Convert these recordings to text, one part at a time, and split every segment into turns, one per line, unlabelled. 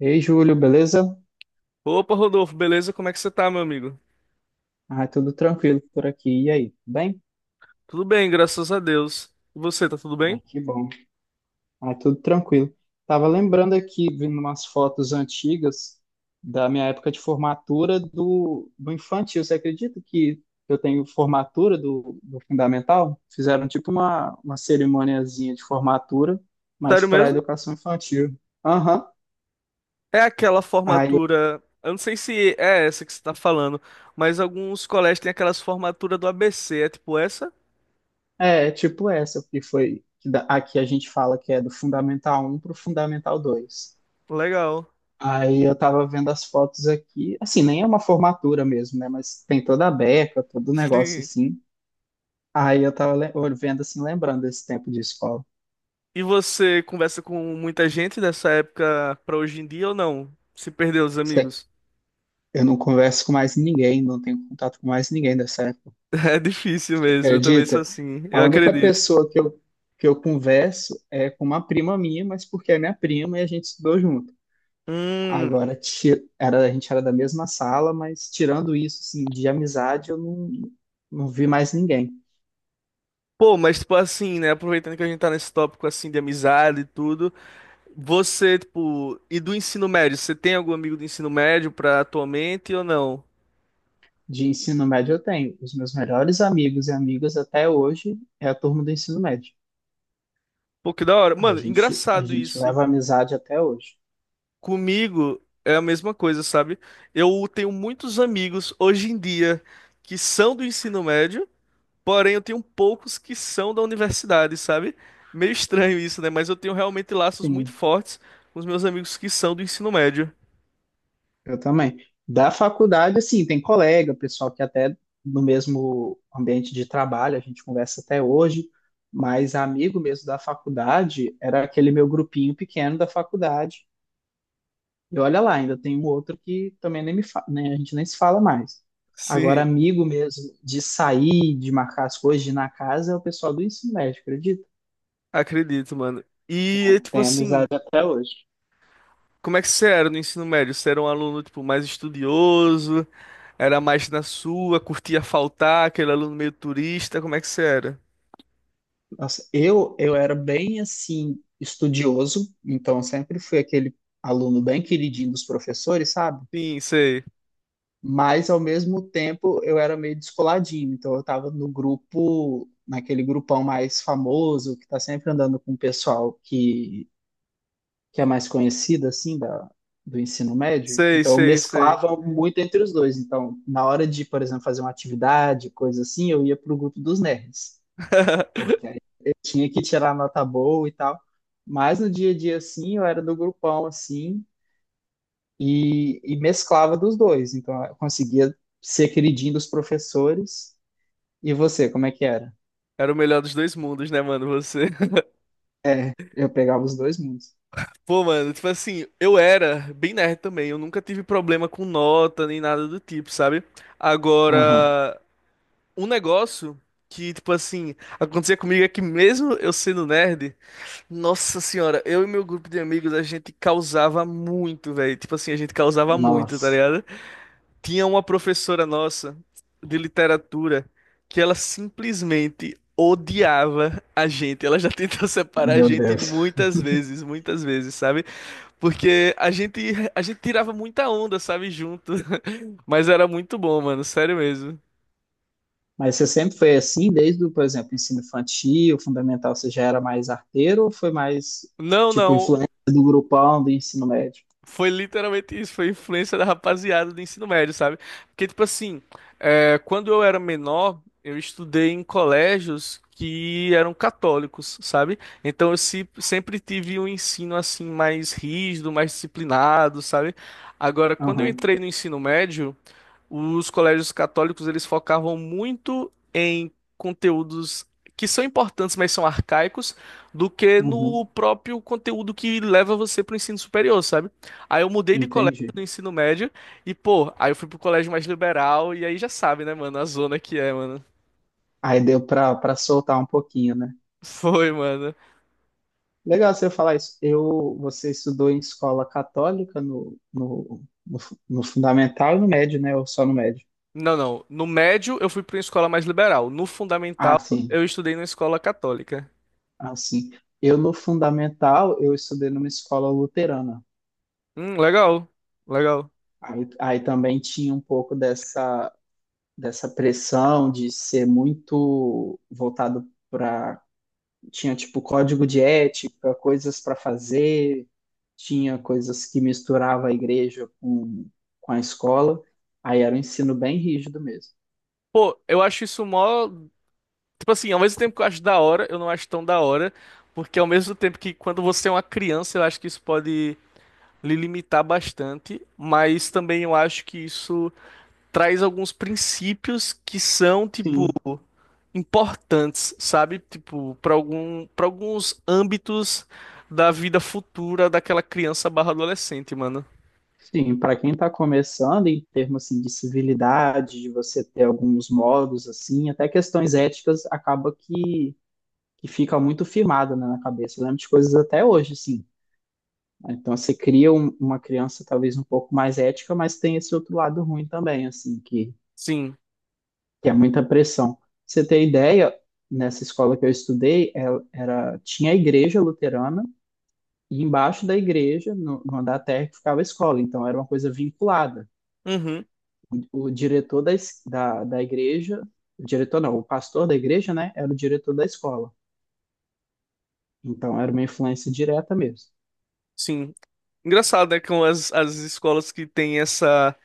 Ei, Júlio, beleza?
Opa, Rodolfo, beleza? Como é que você tá, meu amigo?
Ah, tudo tranquilo por aqui. E aí, tudo bem?
Tudo bem, graças a Deus. E você, tá tudo
Ah,
bem?
que bom. Ah, tudo tranquilo. Tava lembrando aqui, vendo umas fotos antigas da minha época de formatura do infantil. Você acredita que eu tenho formatura do fundamental? Fizeram tipo uma cerimoniazinha de formatura, mas
Sério
para
mesmo?
educação infantil. Aham.
É aquela
Aí, eu-
formatura. Eu não sei se é essa que você tá falando, mas alguns colégios têm aquelas formaturas do ABC. É tipo essa?
É, tipo essa, que foi, aqui a gente fala que é do Fundamental um para o Fundamental 2.
Legal.
Aí eu tava vendo as fotos aqui, assim, nem é uma formatura mesmo, né? Mas tem toda a beca, todo o negócio
Sim.
assim. Aí eu vendo assim, lembrando desse tempo de escola.
E você conversa com muita gente dessa época pra hoje em dia ou não? Se perdeu os
Cê-
amigos?
Eu não converso com mais ninguém, não tenho contato com mais ninguém dessa época.
É difícil
Você
mesmo, eu também sou
acredita?
assim,
A
eu
única
acredito.
pessoa que eu converso é com uma prima minha, mas porque é minha prima e a gente estudou junto.
Hum.
Agora, a gente era da mesma sala, mas tirando isso, assim, de amizade, eu não, não vi mais ninguém.
Pô, mas tipo assim, né? Aproveitando que a gente tá nesse tópico assim de amizade e tudo. Você, tipo, e do ensino médio, você tem algum amigo do ensino médio pra atualmente ou não?
De ensino médio eu tenho. Os meus melhores amigos e amigas até hoje é a turma do ensino médio.
Pô, que da hora.
A
Mano,
gente, a
engraçado
gente
isso.
leva amizade até hoje.
Comigo é a mesma coisa, sabe? Eu tenho muitos amigos hoje em dia que são do ensino médio, porém eu tenho poucos que são da universidade, sabe? Meio estranho isso, né? Mas eu tenho realmente laços muito
Sim,
fortes com os meus amigos que são do ensino médio.
eu também. Da faculdade, assim, tem colega, pessoal que até no mesmo ambiente de trabalho a gente conversa até hoje, mas amigo mesmo da faculdade era aquele meu grupinho pequeno da faculdade. E olha lá, ainda tem um outro que também nem me fa... né, a gente nem se fala mais. Agora,
Sim,
amigo mesmo, de sair, de marcar as coisas, de ir na casa, é o pessoal do ensino médio, acredita?
acredito, mano. E é
Tem,
tipo
tem amizade
assim.
até hoje.
Como é que você era no ensino médio? Você era um aluno, tipo, mais estudioso? Era mais na sua, curtia faltar, aquele aluno meio turista? Como é que você era?
Nossa, eu era bem, assim, estudioso, então sempre fui aquele aluno bem queridinho dos professores, sabe?
Sim, sei.
Mas, ao mesmo tempo, eu era meio descoladinho, então eu estava no grupo, naquele grupão mais famoso, que está sempre andando com o pessoal que é a mais conhecida, assim, da, do ensino médio.
Sei,
Então, eu
sei, sei.
mesclava muito entre os dois. Então, na hora de, por exemplo, fazer uma atividade, coisa assim, eu ia para o grupo dos nerds, porque aí eu tinha que tirar nota boa e tal. Mas no dia a dia, assim, eu era do grupão, assim, e mesclava dos dois. Então, eu conseguia ser queridinho dos professores. E você, como é que era?
Era o melhor dos dois mundos, né, mano? Você.
É, eu pegava os dois mundos.
Pô, mano, tipo assim, eu era bem nerd também. Eu nunca tive problema com nota nem nada do tipo, sabe?
Aham.
Agora, um negócio que, tipo assim, acontecia comigo é que mesmo eu sendo nerd. Nossa senhora, eu e meu grupo de amigos, a gente causava muito, velho. Tipo assim, a gente causava muito, tá
Nossa,
ligado? Tinha uma professora nossa de literatura que ela simplesmente odiava a gente. Ela já tentou separar a
meu
gente
Deus.
muitas vezes, sabe? Porque a gente tirava muita onda, sabe, junto. Mas era muito bom, mano, sério mesmo.
Mas você sempre foi assim, desde, o, por exemplo, ensino infantil, fundamental, você já era mais arteiro ou foi mais,
Não,
tipo,
não.
influência do grupão do ensino médio?
Foi literalmente isso, foi influência da rapaziada do ensino médio, sabe? Porque, tipo assim, quando eu era menor, eu estudei em colégios que eram católicos, sabe? Então eu se- sempre tive um ensino assim mais rígido, mais disciplinado, sabe? Agora, quando eu
Aham,
entrei no ensino médio, os colégios católicos, eles focavam muito em conteúdos que são importantes, mas são arcaicos, do que no
uhum,
próprio conteúdo que leva você para o ensino superior, sabe? Aí eu mudei de colégio
entendi.
do ensino médio e, pô, aí eu fui pro colégio mais liberal e aí já sabe, né, mano, a zona que é, mano.
Aí deu para soltar um pouquinho, né?
Foi, mano.
Legal você falar isso. Eu, você estudou em escola católica no fundamental e no médio, né? Ou só no médio?
Não, não. No médio eu fui para uma escola mais liberal. No
Ah,
fundamental
sim,
eu estudei numa escola católica.
ah, sim. Eu, no fundamental, eu estudei numa escola luterana.
Legal. Legal.
Aí, aí também tinha um pouco dessa dessa pressão de ser muito voltado para. Tinha, tipo, código de ética, coisas para fazer, tinha coisas que misturava a igreja com a escola. Aí era um ensino bem rígido mesmo.
Pô, eu acho isso mó. Tipo assim, ao mesmo tempo que eu acho da hora, eu não acho tão da hora, porque ao mesmo tempo que quando você é uma criança, eu acho que isso pode lhe limitar bastante, mas também eu acho que isso traz alguns princípios que são, tipo,
Sim.
importantes, sabe? Tipo, para algum, para alguns âmbitos da vida futura daquela criança barra adolescente, mano.
Sim, para quem está começando, em termos assim, de civilidade, de você ter alguns modos, assim, até questões éticas, acaba que fica muito firmado, né, na cabeça. Eu lembro de coisas até hoje, assim, então você cria uma criança talvez um pouco mais ética, mas tem esse outro lado ruim também, assim,
Sim.
que é muita pressão. Pra você ter ideia, nessa escola que eu estudei, tinha a igreja luterana e embaixo da igreja, no andar térreo, ficava a escola. Então era uma coisa vinculada.
Uhum.
O diretor da igreja, o diretor não, o pastor da igreja, né, era o diretor da escola. Então era uma influência direta mesmo.
Sim. Engraçado, né? Com as escolas que têm essa.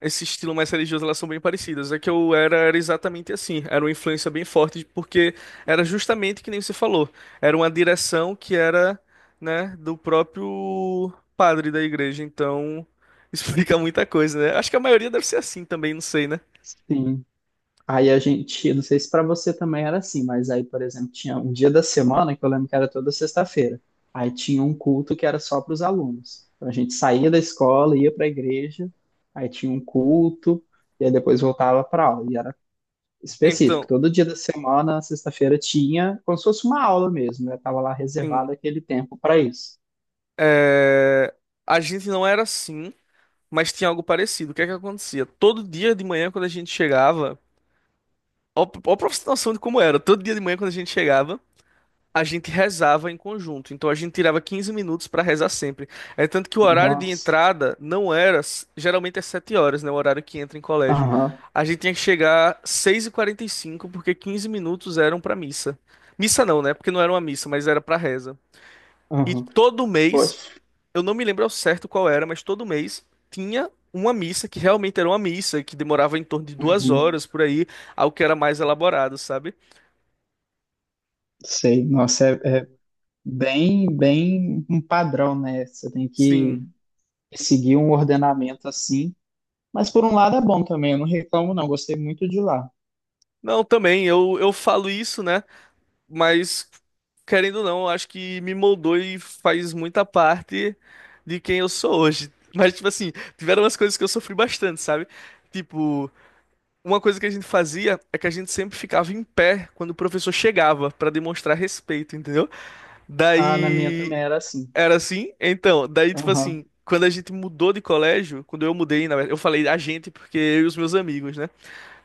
Esse estilo mais religioso, elas são bem parecidas. É que eu era exatamente assim. Era uma influência bem forte, porque era justamente que nem você falou. Era uma direção que era, né, do próprio padre da igreja. Então, explica muita coisa, né? Acho que a maioria deve ser assim também, não sei, né?
Sim. Aí a gente, não sei se para você também era assim, mas aí, por exemplo, tinha um dia da semana que eu lembro que era toda sexta-feira. Aí tinha um culto que era só para os alunos. Então a gente saía da escola, ia para a igreja, aí tinha um culto, e aí depois voltava para aula. E era específico,
Então,
todo dia da semana, sexta-feira, tinha como se fosse uma aula mesmo. Eu tava lá reservado
sim.
aquele tempo para isso.
é, A gente não era assim, mas tinha algo parecido. O que é que acontecia? Todo dia de manhã, quando a gente chegava. Ó, ó pra você ter noção de como era. Todo dia de manhã, quando a gente chegava, a gente rezava em conjunto, então a gente tirava 15 minutos para rezar sempre. É tanto que o horário de
Nossa,
entrada não era, geralmente é 7 horas, né, o horário que entra em colégio.
aham,
A gente tinha que chegar 6:45 porque 15 minutos eram para missa. Missa não, né? Porque não era uma missa, mas era para reza. E
aham,
todo mês,
poxa,
eu não me lembro ao certo qual era, mas todo mês tinha uma missa que realmente era uma missa, que demorava em torno de duas
uhum.
horas por aí, algo que era mais elaborado, sabe?
Sei, nossa, é, é bem, bem um padrão, né? Você tem que
Sim.
seguir um ordenamento assim. Mas por um lado é bom também, eu não reclamo não, gostei muito de lá.
Não, também, eu falo isso, né? Mas, querendo ou não, eu acho que me moldou e faz muita parte de quem eu sou hoje. Mas, tipo assim, tiveram umas coisas que eu sofri bastante, sabe? Tipo, uma coisa que a gente fazia é que a gente sempre ficava em pé quando o professor chegava pra demonstrar respeito, entendeu?
Ah, na minha
Daí
também era assim.
era assim, então, daí tipo
Aham,
assim, quando a gente mudou de colégio, quando eu mudei, na verdade, eu falei a gente porque eu e os meus amigos, né?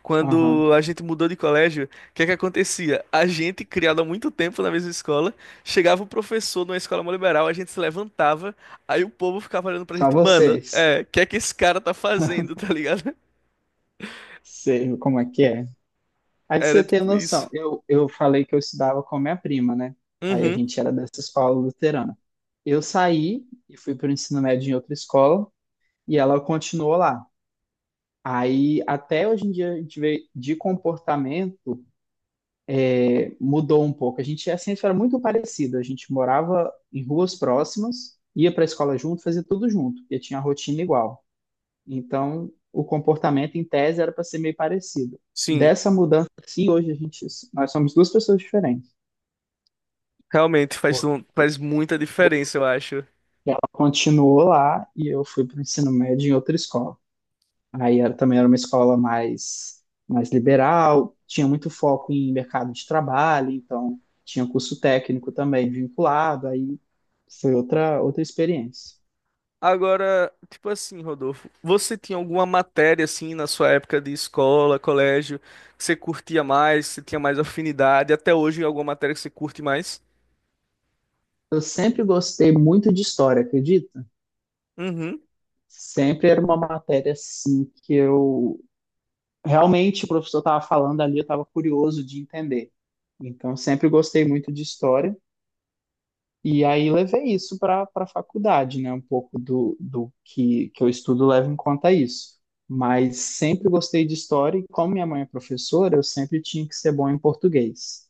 Quando
aham.
a gente mudou de colégio, o que é que acontecia? A gente, criado há muito tempo na mesma escola, chegava o professor numa escola mó liberal, a gente se levantava, aí o povo ficava olhando pra
Só
gente, mano,
vocês.
é, o que é que esse cara tá fazendo, tá ligado?
Sei como é que é. Aí pra você
Era
ter
tipo isso.
noção, eu falei que eu estudava com a minha prima, né? Aí a
Uhum,
gente era dessa escola luterana. Eu saí e fui para o ensino médio em outra escola e ela continuou lá. Aí até hoje em dia a gente vê de comportamento mudou um pouco. A gente assim, era muito parecido. A gente morava em ruas próximas, ia para a escola junto, fazia tudo junto, e tinha a rotina igual. Então, o comportamento em tese era para ser meio parecido.
sim,
Dessa mudança, sim, hoje a gente, nós somos duas pessoas diferentes,
realmente faz,
porque
faz muita diferença, eu acho.
ela continuou lá e eu fui para o ensino médio em outra escola. Aí era, também era uma escola mais, mais liberal, tinha muito foco em mercado de trabalho, então tinha curso técnico também vinculado, aí foi outra, outra experiência.
Agora, tipo assim, Rodolfo, você tinha alguma matéria assim na sua época de escola, colégio, que você curtia mais, que você tinha mais afinidade, até hoje alguma matéria que você curte mais?
Eu sempre gostei muito de história, acredita?
Uhum,
Sempre era uma matéria assim que eu realmente o professor estava falando ali, eu estava curioso de entender. Então sempre gostei muito de história. E aí levei isso para a faculdade, né? Um pouco do, que eu estudo leva em conta isso. Mas sempre gostei de história e como minha mãe é professora, eu sempre tinha que ser bom em português.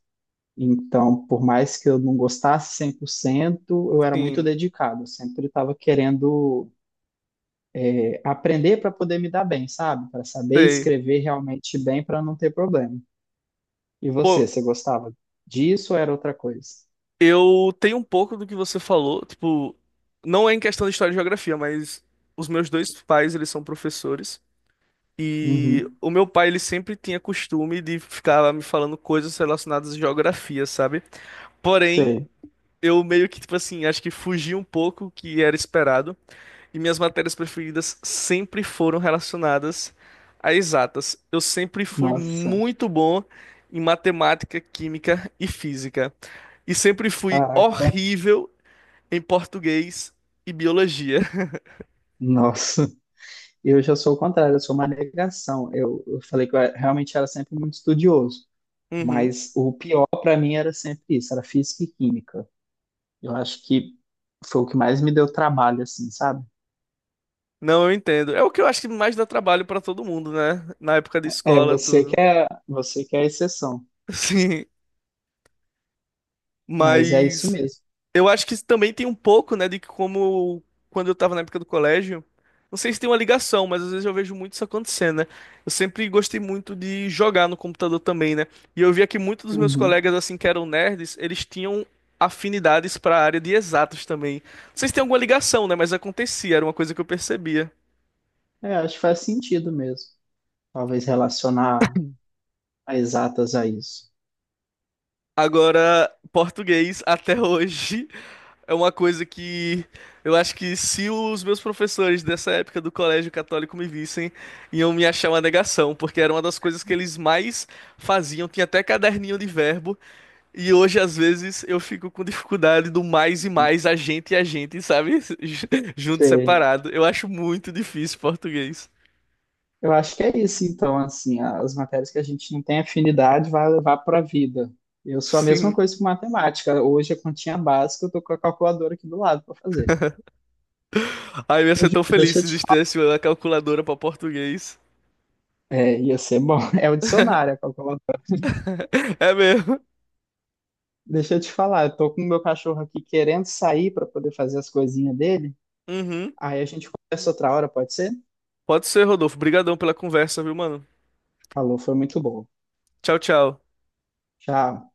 Então, por mais que eu não gostasse 100%, eu era muito
sim,
dedicado, eu sempre estava querendo aprender para poder me dar bem, sabe? Para saber
sei.
escrever realmente bem para não ter problema. E você,
Pô,
você gostava disso ou era outra coisa?
eu tenho um pouco do que você falou, tipo, não é em questão de história e geografia, mas os meus dois pais, eles são professores, e
Uhum.
o meu pai, ele sempre tinha costume de ficar me falando coisas relacionadas à geografia, sabe? Porém,
Sei.
eu meio que, tipo assim, acho que fugi um pouco o que era esperado. E minhas matérias preferidas sempre foram relacionadas a exatas. Eu sempre fui
Nossa,
muito bom em matemática, química e física. E sempre fui
caraca.
horrível em português e biologia.
Nossa, eu já sou o contrário, eu sou uma negação. Eu falei que realmente era sempre muito estudioso,
Uhum.
mas o pior para mim era sempre isso, era física e química. Eu acho que foi o que mais me deu trabalho, assim, sabe?
Não, eu entendo. É o que eu acho que mais dá trabalho pra todo mundo, né? Na época da
É,
escola, tudo.
você que é a exceção,
Sim,
mas é isso
mas
mesmo.
eu acho que isso também tem um pouco, né, de que como quando eu tava na época do colégio, não sei se tem uma ligação, mas às vezes eu vejo muito isso acontecendo, né? Eu sempre gostei muito de jogar no computador também, né? E eu via que muitos dos meus
Uhum.
colegas, assim, que eram nerds, eles tinham afinidades para a área de exatas também. Não sei se tem alguma ligação, né, mas acontecia, era uma coisa que eu percebia.
É, acho que faz sentido mesmo. Talvez relacionar a exatas a isso.
Agora, português até hoje é uma coisa que eu acho que se os meus professores dessa época do colégio católico me vissem, iam me achar uma negação, porque era uma das coisas que eles mais faziam. Tinha até caderninho de verbo, e hoje às vezes eu fico com dificuldade do mais e mais, a gente e a gente, sabe? Junto, separado. Eu acho muito difícil português.
Eu acho que é isso, então, assim, as matérias que a gente não tem afinidade vai levar para a vida. Eu sou a mesma
Sim.
coisa com matemática. Hoje a continha básica, eu tô com a calculadora aqui do lado para fazer.
Ai, eu ia ser
Hoje,
tão feliz
deixa eu
se
te falar.
existisse uma calculadora para português.
É, ia ser bom. É o dicionário, a calculadora.
É mesmo.
Deixa eu te falar, eu tô com o meu cachorro aqui querendo sair para poder fazer as coisinhas dele.
Uhum.
Aí a gente conversa outra hora, pode ser?
Pode ser, Rodolfo. Obrigadão pela conversa, viu, mano?
Falou, foi muito bom.
Tchau, tchau.
Tchau.